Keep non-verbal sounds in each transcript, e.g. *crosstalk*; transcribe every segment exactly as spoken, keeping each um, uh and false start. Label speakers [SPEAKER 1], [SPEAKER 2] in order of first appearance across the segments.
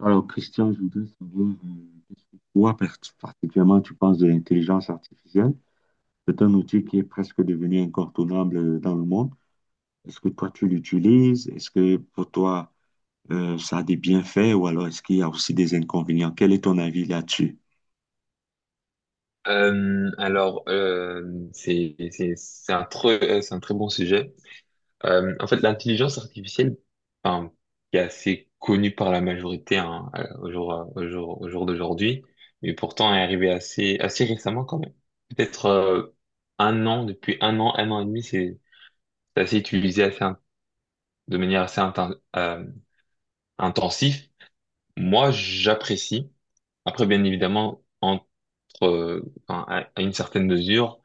[SPEAKER 1] Alors, Christian, je voudrais savoir euh, pourquoi par- particulièrement tu penses de l'intelligence artificielle. C'est un outil qui est presque devenu incontournable euh, dans le monde. Est-ce que toi, tu l'utilises? Est-ce que pour toi, euh, ça a des bienfaits ou alors est-ce qu'il y a aussi des inconvénients? Quel est ton avis là-dessus?
[SPEAKER 2] Euh, alors, euh, c'est c'est- c'est un, très- euh, c'est un très bon sujet. Euh, en fait, l'intelligence artificielle, enfin, qui est assez connue par la majorité hein, euh, au jour, euh, au jour, au jour d'aujourd'hui, mais pourtant est arrivée assez, assez récemment quand même. Peut-être euh, un an, depuis un an, un an et demi, c'est c'est assez utilisé assez, in- de manière assez inten- euh, intensive. Moi, j'apprécie. Après, bien évidemment, entre, euh, enfin, à, à une certaine mesure,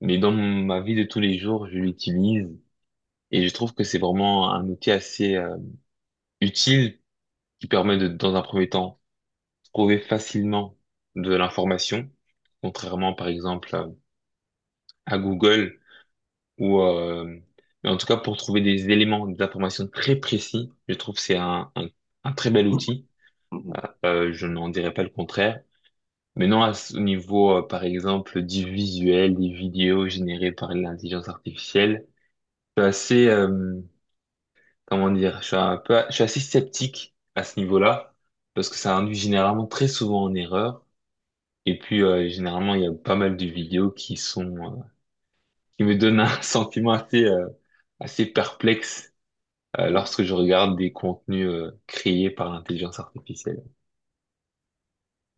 [SPEAKER 2] mais dans ma vie de tous les jours, je l'utilise et je trouve que c'est vraiment un outil assez euh, utile qui permet de, dans un premier temps, trouver facilement de l'information, contrairement, par exemple, à, à Google ou, euh, mais en tout cas, pour trouver des éléments d'information très précis, je trouve que c'est un, un, un très bel outil.
[SPEAKER 1] Mhm.
[SPEAKER 2] Euh, je n'en dirais pas le contraire. Mais non, à ce niveau, euh, par exemple, du visuel, des vidéos générées par l'intelligence artificielle, je suis assez, euh, comment dire, je suis un peu, je suis assez sceptique à ce niveau-là, parce que ça induit généralement très souvent en erreur. Et puis, euh, généralement, il y a pas mal de vidéos qui sont, euh, qui me donnent un *laughs* sentiment assez, euh, assez perplexe, euh,
[SPEAKER 1] Ouais.
[SPEAKER 2] lorsque je regarde des contenus, euh, créés par l'intelligence artificielle.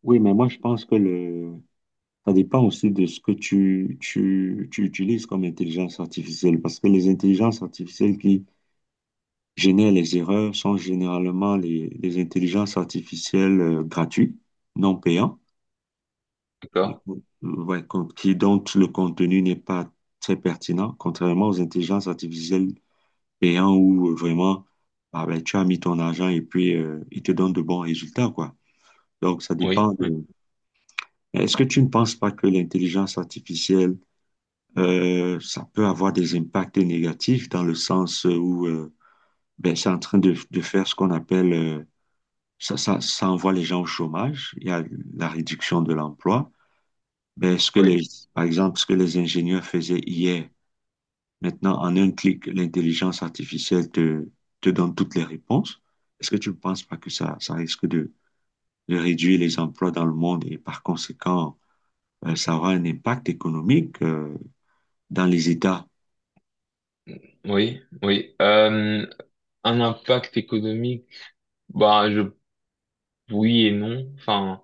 [SPEAKER 1] Oui, mais moi, je pense que le... ça dépend aussi de ce que tu, tu, tu utilises comme intelligence artificielle, parce que les intelligences artificielles qui génèrent les erreurs sont généralement les, les intelligences artificielles euh, gratuites, non payantes, et,
[SPEAKER 2] D'accord?
[SPEAKER 1] euh, ouais, con- qui, dont le contenu n'est pas très pertinent, contrairement aux intelligences artificielles payantes où euh, vraiment ah ben, tu as mis ton argent et puis euh, ils te donnent de bons résultats, quoi. Donc, ça dépend
[SPEAKER 2] Oui, oui,
[SPEAKER 1] de... Est-ce que tu ne penses pas que l'intelligence artificielle, euh, ça peut avoir des impacts négatifs dans le sens où euh, ben, c'est en train de, de faire ce qu'on appelle... euh, Ça, ça, ça envoie les gens au chômage. Il y a la réduction de l'emploi. Ben, ce que
[SPEAKER 2] oui.
[SPEAKER 1] les, Par exemple, ce que les ingénieurs faisaient hier, maintenant, en un clic, l'intelligence artificielle te, te donne toutes les réponses. Est-ce que tu ne penses pas que ça, ça risque de, de réduire les emplois dans le monde et par conséquent, euh, ça aura un impact économique, euh, dans les États?
[SPEAKER 2] Oui, oui. Euh, un impact économique, bah je oui et non. Enfin,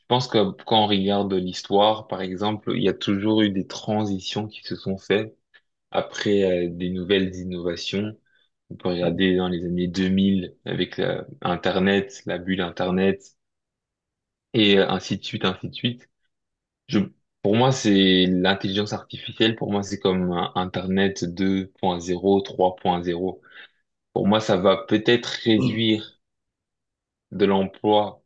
[SPEAKER 2] je pense que quand on regarde l'histoire, par exemple, il y a toujours eu des transitions qui se sont faites après euh, des nouvelles innovations. On peut
[SPEAKER 1] Mhm.
[SPEAKER 2] regarder dans les années deux mille avec la- Internet, la bulle Internet et euh, ainsi de suite, ainsi de suite. Je, pour moi, c'est l'intelligence artificielle. Pour moi, c'est comme euh, Internet deux point zéro, trois point zéro. Pour moi, ça va peut-être réduire de l'emploi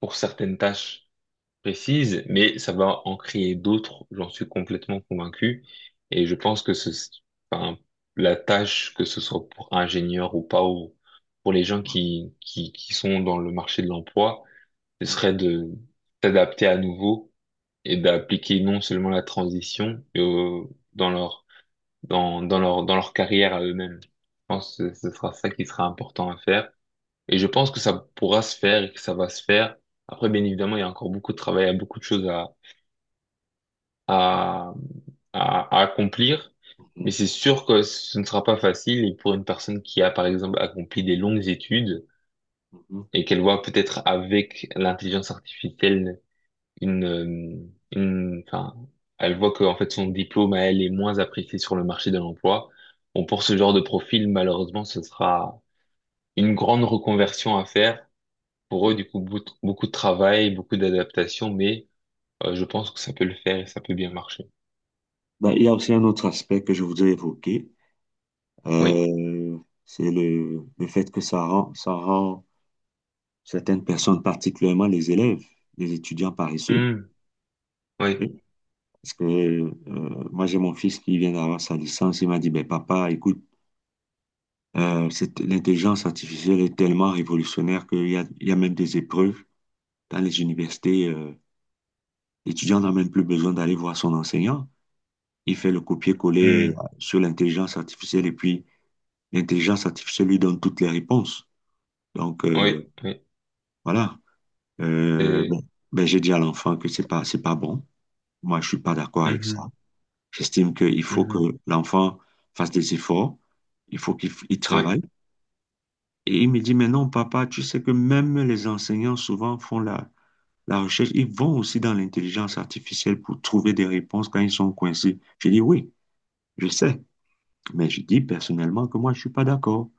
[SPEAKER 2] pour certaines tâches précises, mais ça va en créer d'autres, j'en suis complètement convaincu. Et je pense que ce, enfin, la tâche, que ce soit pour ingénieur ou pas, ou pour les gens qui, qui, qui sont dans le marché de l'emploi, ce serait de s'adapter à nouveau et d'appliquer non seulement la transition, mais au- dans leur, dans, dans leur, dans leur carrière à eux-mêmes. Je pense que ce sera ça qui sera important à faire. Et je pense que ça pourra se faire et que ça va se faire. Après, bien évidemment, il y a encore beaucoup de travail, il y a beaucoup de choses à, à, à, à accomplir. Mais
[SPEAKER 1] Mhm.
[SPEAKER 2] c'est sûr que ce ne sera pas facile. Et pour une personne qui a, par exemple, accompli des longues études
[SPEAKER 1] Mhm.
[SPEAKER 2] et qu'elle voit peut-être avec l'intelligence artificielle une, euh, une, enfin, elle voit que, en fait, son diplôme à elle est moins apprécié sur le marché de l'emploi. Bon, pour ce genre de profil, malheureusement, ce sera une grande reconversion à faire. Pour
[SPEAKER 1] Oui.
[SPEAKER 2] eux, du coup, beaucoup beaucoup de travail, beaucoup d'adaptation, mais euh, je pense que ça peut le faire et ça peut bien marcher.
[SPEAKER 1] Ben, il y a aussi un autre aspect que je voudrais évoquer.
[SPEAKER 2] Oui.
[SPEAKER 1] Euh, c'est le, le fait que ça rend, ça rend certaines personnes, particulièrement les élèves, les étudiants paresseux.
[SPEAKER 2] Hmm. Oui.
[SPEAKER 1] Oui. Parce que euh, moi, j'ai mon fils qui vient d'avoir sa licence. Il m'a dit, ben, papa, écoute, euh, cette- l'intelligence artificielle est tellement révolutionnaire qu'il y a, il y a même des épreuves dans les universités. Euh, l'étudiant n'a même plus besoin d'aller voir son enseignant. Il fait le copier-coller
[SPEAKER 2] Hmm.
[SPEAKER 1] euh, sur l'intelligence artificielle et puis l'intelligence artificielle lui donne toutes les réponses. Donc, euh,
[SPEAKER 2] Oui. Oui.
[SPEAKER 1] voilà. Euh,
[SPEAKER 2] C'est-
[SPEAKER 1] bon, ben j'ai dit à l'enfant que c'est pas, c'est pas bon. Moi, je suis pas d'accord avec ça.
[SPEAKER 2] Mhm.
[SPEAKER 1] J'estime qu'il faut que
[SPEAKER 2] Mhm.
[SPEAKER 1] l'enfant fasse des efforts. Il faut qu'il f- il
[SPEAKER 2] Oui.
[SPEAKER 1] travaille. Et il me dit, mais non, papa, tu sais que même les enseignants souvent font la, la recherche. Ils vont aussi dans l'intelligence artificielle pour trouver des réponses quand ils sont coincés. J'ai dit, oui, je sais. Mais je dis personnellement que moi, je suis pas d'accord.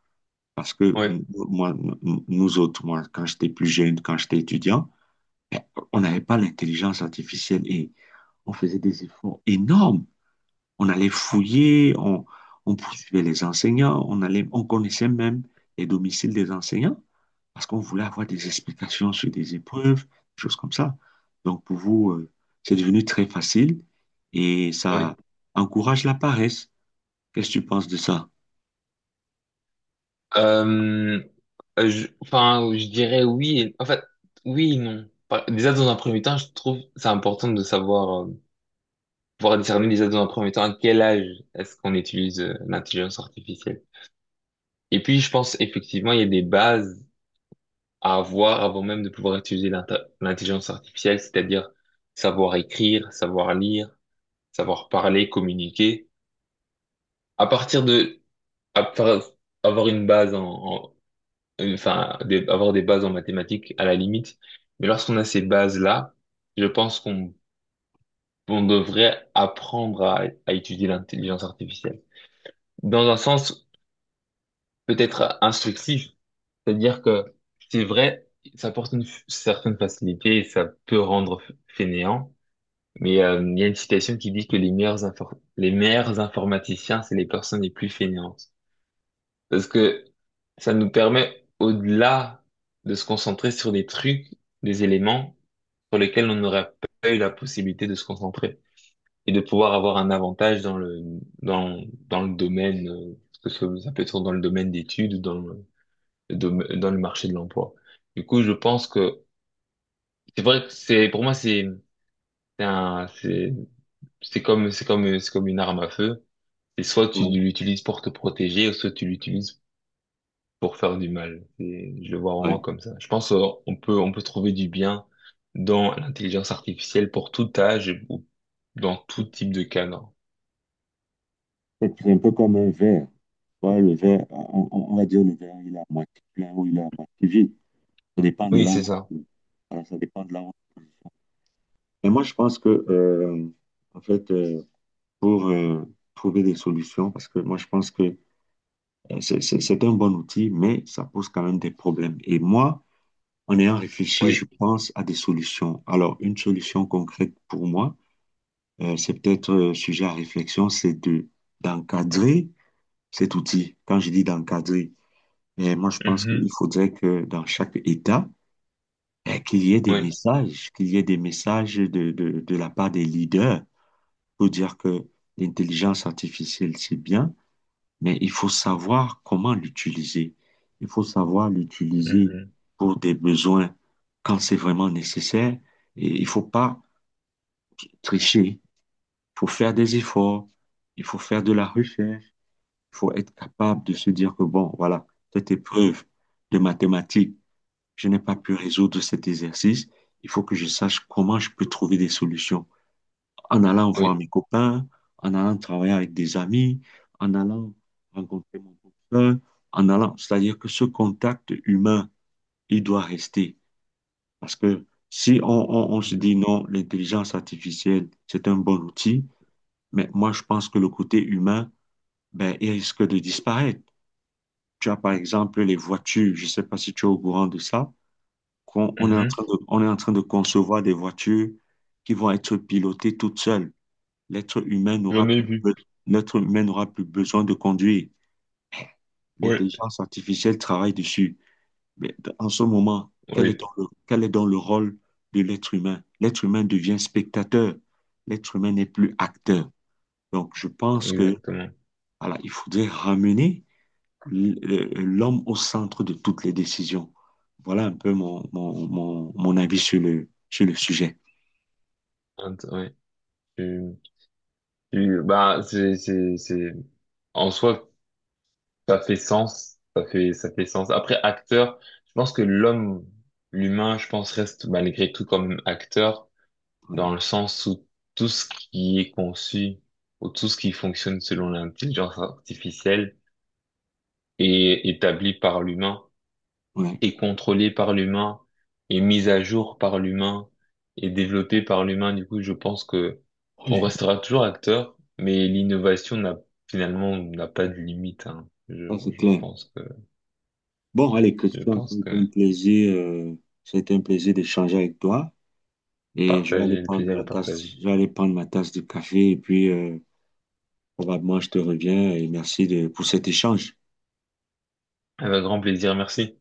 [SPEAKER 1] Parce que
[SPEAKER 2] Oui.
[SPEAKER 1] n- moi, n- nous autres, moi, quand j'étais plus jeune, quand j'étais étudiant, on n'avait pas l'intelligence artificielle et on faisait des efforts énormes. On allait fouiller, on, on poursuivait les enseignants, on allait, on connaissait même les domiciles des enseignants parce qu'on voulait avoir des explications sur des épreuves, des choses comme ça. Donc pour vous, euh, c'est devenu très facile et ça
[SPEAKER 2] Oui.
[SPEAKER 1] encourage la paresse. Qu'est-ce que tu penses de ça?
[SPEAKER 2] Euh, euh, je, enfin, je dirais oui. et- En fait, oui et non. Par- Déjà, dans un premier temps, je trouve c'est important de savoir, euh, pouvoir discerner déjà dans un premier temps à quel âge est-ce qu'on utilise euh, l'intelligence artificielle. Et puis, je pense effectivement, il y a des bases à avoir avant même de pouvoir utiliser l'inta- l'intelligence artificielle, c'est-à-dire savoir écrire, savoir lire, savoir parler, communiquer. À partir de à par- avoir une base en, en- enfin des- avoir des bases en mathématiques à la limite, mais lorsqu'on a ces bases-là, je pense qu'on on devrait apprendre à, à étudier l'intelligence artificielle. Dans un sens peut-être instructif, c'est-à-dire que c'est vrai, ça apporte une f- certaine facilité et ça peut rendre f- fainéant. Mais euh, il y a une citation qui dit que les meilleurs infor- les meilleurs informaticiens, c'est les personnes les plus fainéantes. Parce que ça nous permet, au-delà de se concentrer sur des trucs, des éléments sur lesquels on n'aurait pas eu la possibilité de se concentrer et de pouvoir avoir un avantage dans le, dans, dans le domaine, euh, que ce- ça peut être dans le domaine d'études ou dans le, le dom- dans le marché de l'emploi. Du coup, je pense que c'est vrai que c'est, pour moi, c'est c'est un, c'est, c'est comme, c'est comme, c'est comme une arme à feu. C'est soit tu
[SPEAKER 1] Ouais.
[SPEAKER 2] l'utilises pour te protéger, soit tu l'utilises pour faire du mal. Et je le vois vraiment
[SPEAKER 1] Ouais.
[SPEAKER 2] comme ça. Je pense euh, on peut on peut trouver du bien dans l'intelligence artificielle pour tout âge ou dans tout type de cadre.
[SPEAKER 1] C'est c'est un peu comme un verre. Ouais, le verre, on, on- on va dire le verre, il est à moitié plein ou il est à moitié vide. Ça dépend de
[SPEAKER 2] Oui,
[SPEAKER 1] là où
[SPEAKER 2] c'est
[SPEAKER 1] on se
[SPEAKER 2] ça.
[SPEAKER 1] trouve. Voilà, ça dépend de là où on se trouve. Et moi, je pense que, euh, en fait, euh, pour euh, trouver des solutions, parce que moi, je pense que euh, c'est c'est- c'est un bon outil, mais ça pose quand même des problèmes. Et moi, en ayant réfléchi, je
[SPEAKER 2] Oui.
[SPEAKER 1] pense à des solutions. Alors, une solution concrète pour moi, euh, c'est peut-être euh, sujet à réflexion, c'est de d'encadrer cet outil. Quand je dis d'encadrer, eh, moi, je pense qu'il
[SPEAKER 2] Mhm.
[SPEAKER 1] faudrait que dans chaque État, eh, qu'il y ait des
[SPEAKER 2] Oui.
[SPEAKER 1] messages, qu'il y ait des messages de, de, de la part des leaders pour dire que l'intelligence artificielle, c'est bien, mais il faut savoir comment l'utiliser. Il faut savoir l'utiliser
[SPEAKER 2] Mhm.
[SPEAKER 1] pour des besoins quand c'est vraiment nécessaire. Et il faut pas tricher. Il faut faire des efforts. Il faut faire de la recherche. Il faut être capable de se dire que, bon, voilà, cette épreuve de mathématiques, je n'ai pas pu résoudre cet exercice, il faut que je sache comment je peux trouver des solutions. En allant voir
[SPEAKER 2] Oui.
[SPEAKER 1] mes copains, en allant travailler avec des amis, en allant rencontrer mon copain, en allant, c'est-à-dire que ce contact humain, il doit rester. Parce que si on, on, on se dit non, l'intelligence artificielle, c'est un bon outil, mais moi, je pense que le côté humain, ben, il risque de disparaître. Tu as par exemple les voitures, je ne sais pas si tu es au courant de ça, qu'on- on est en
[SPEAKER 2] Mhm.
[SPEAKER 1] train de, on est en train de concevoir des voitures qui vont être pilotées toutes seules. L'être humain n'aura
[SPEAKER 2] J'en ai
[SPEAKER 1] plus,
[SPEAKER 2] vu.
[SPEAKER 1] be- L'être humain n'aura plus besoin de conduire.
[SPEAKER 2] Oui.
[SPEAKER 1] L'intelligence artificielle travaille dessus. Mais d- en ce moment, quel est
[SPEAKER 2] Oui.
[SPEAKER 1] donc le, quel est donc le rôle de l'être humain? L'être humain devient spectateur. L'être humain n'est plus acteur. Donc, je pense que,
[SPEAKER 2] Exactement.
[SPEAKER 1] voilà, il faudrait ramener l'homme au centre de toutes les décisions. Voilà un peu mon, mon, mon, mon avis sur le, sur le sujet.
[SPEAKER 2] Int- Oui. Tu- tu- bah, c'est, c'est, c'est, en soi, ça fait sens, ça fait, ça fait sens. Après, acteur, je pense que l'homme, l'humain, je pense, reste malgré tout comme acteur,
[SPEAKER 1] Ouais,
[SPEAKER 2] dans le sens où tout ce qui est conçu, ou tout ce qui fonctionne selon l'intelligence artificielle, est établi par l'humain,
[SPEAKER 1] ouais,
[SPEAKER 2] est contrôlé par l'humain, est mis à jour par l'humain, est développé par l'humain. Du coup, je pense que on
[SPEAKER 1] Allez.
[SPEAKER 2] restera toujours acteur, mais l'innovation n'a, finalement, n'a pas de limite, hein. Je,
[SPEAKER 1] Ça c'est
[SPEAKER 2] je
[SPEAKER 1] clair.
[SPEAKER 2] pense que,
[SPEAKER 1] Bon, allez,
[SPEAKER 2] je
[SPEAKER 1] Christian, ça
[SPEAKER 2] pense
[SPEAKER 1] a
[SPEAKER 2] que
[SPEAKER 1] été un plaisir, euh, ça a été un plaisir d'échanger avec toi. Et je vais aller
[SPEAKER 2] Partager, le
[SPEAKER 1] prendre
[SPEAKER 2] plaisir
[SPEAKER 1] ma
[SPEAKER 2] est
[SPEAKER 1] tasse,
[SPEAKER 2] partagé.
[SPEAKER 1] je vais aller prendre ma tasse de café et puis euh, probablement je te reviens et merci de, pour cet échange.
[SPEAKER 2] Avec grand plaisir, merci.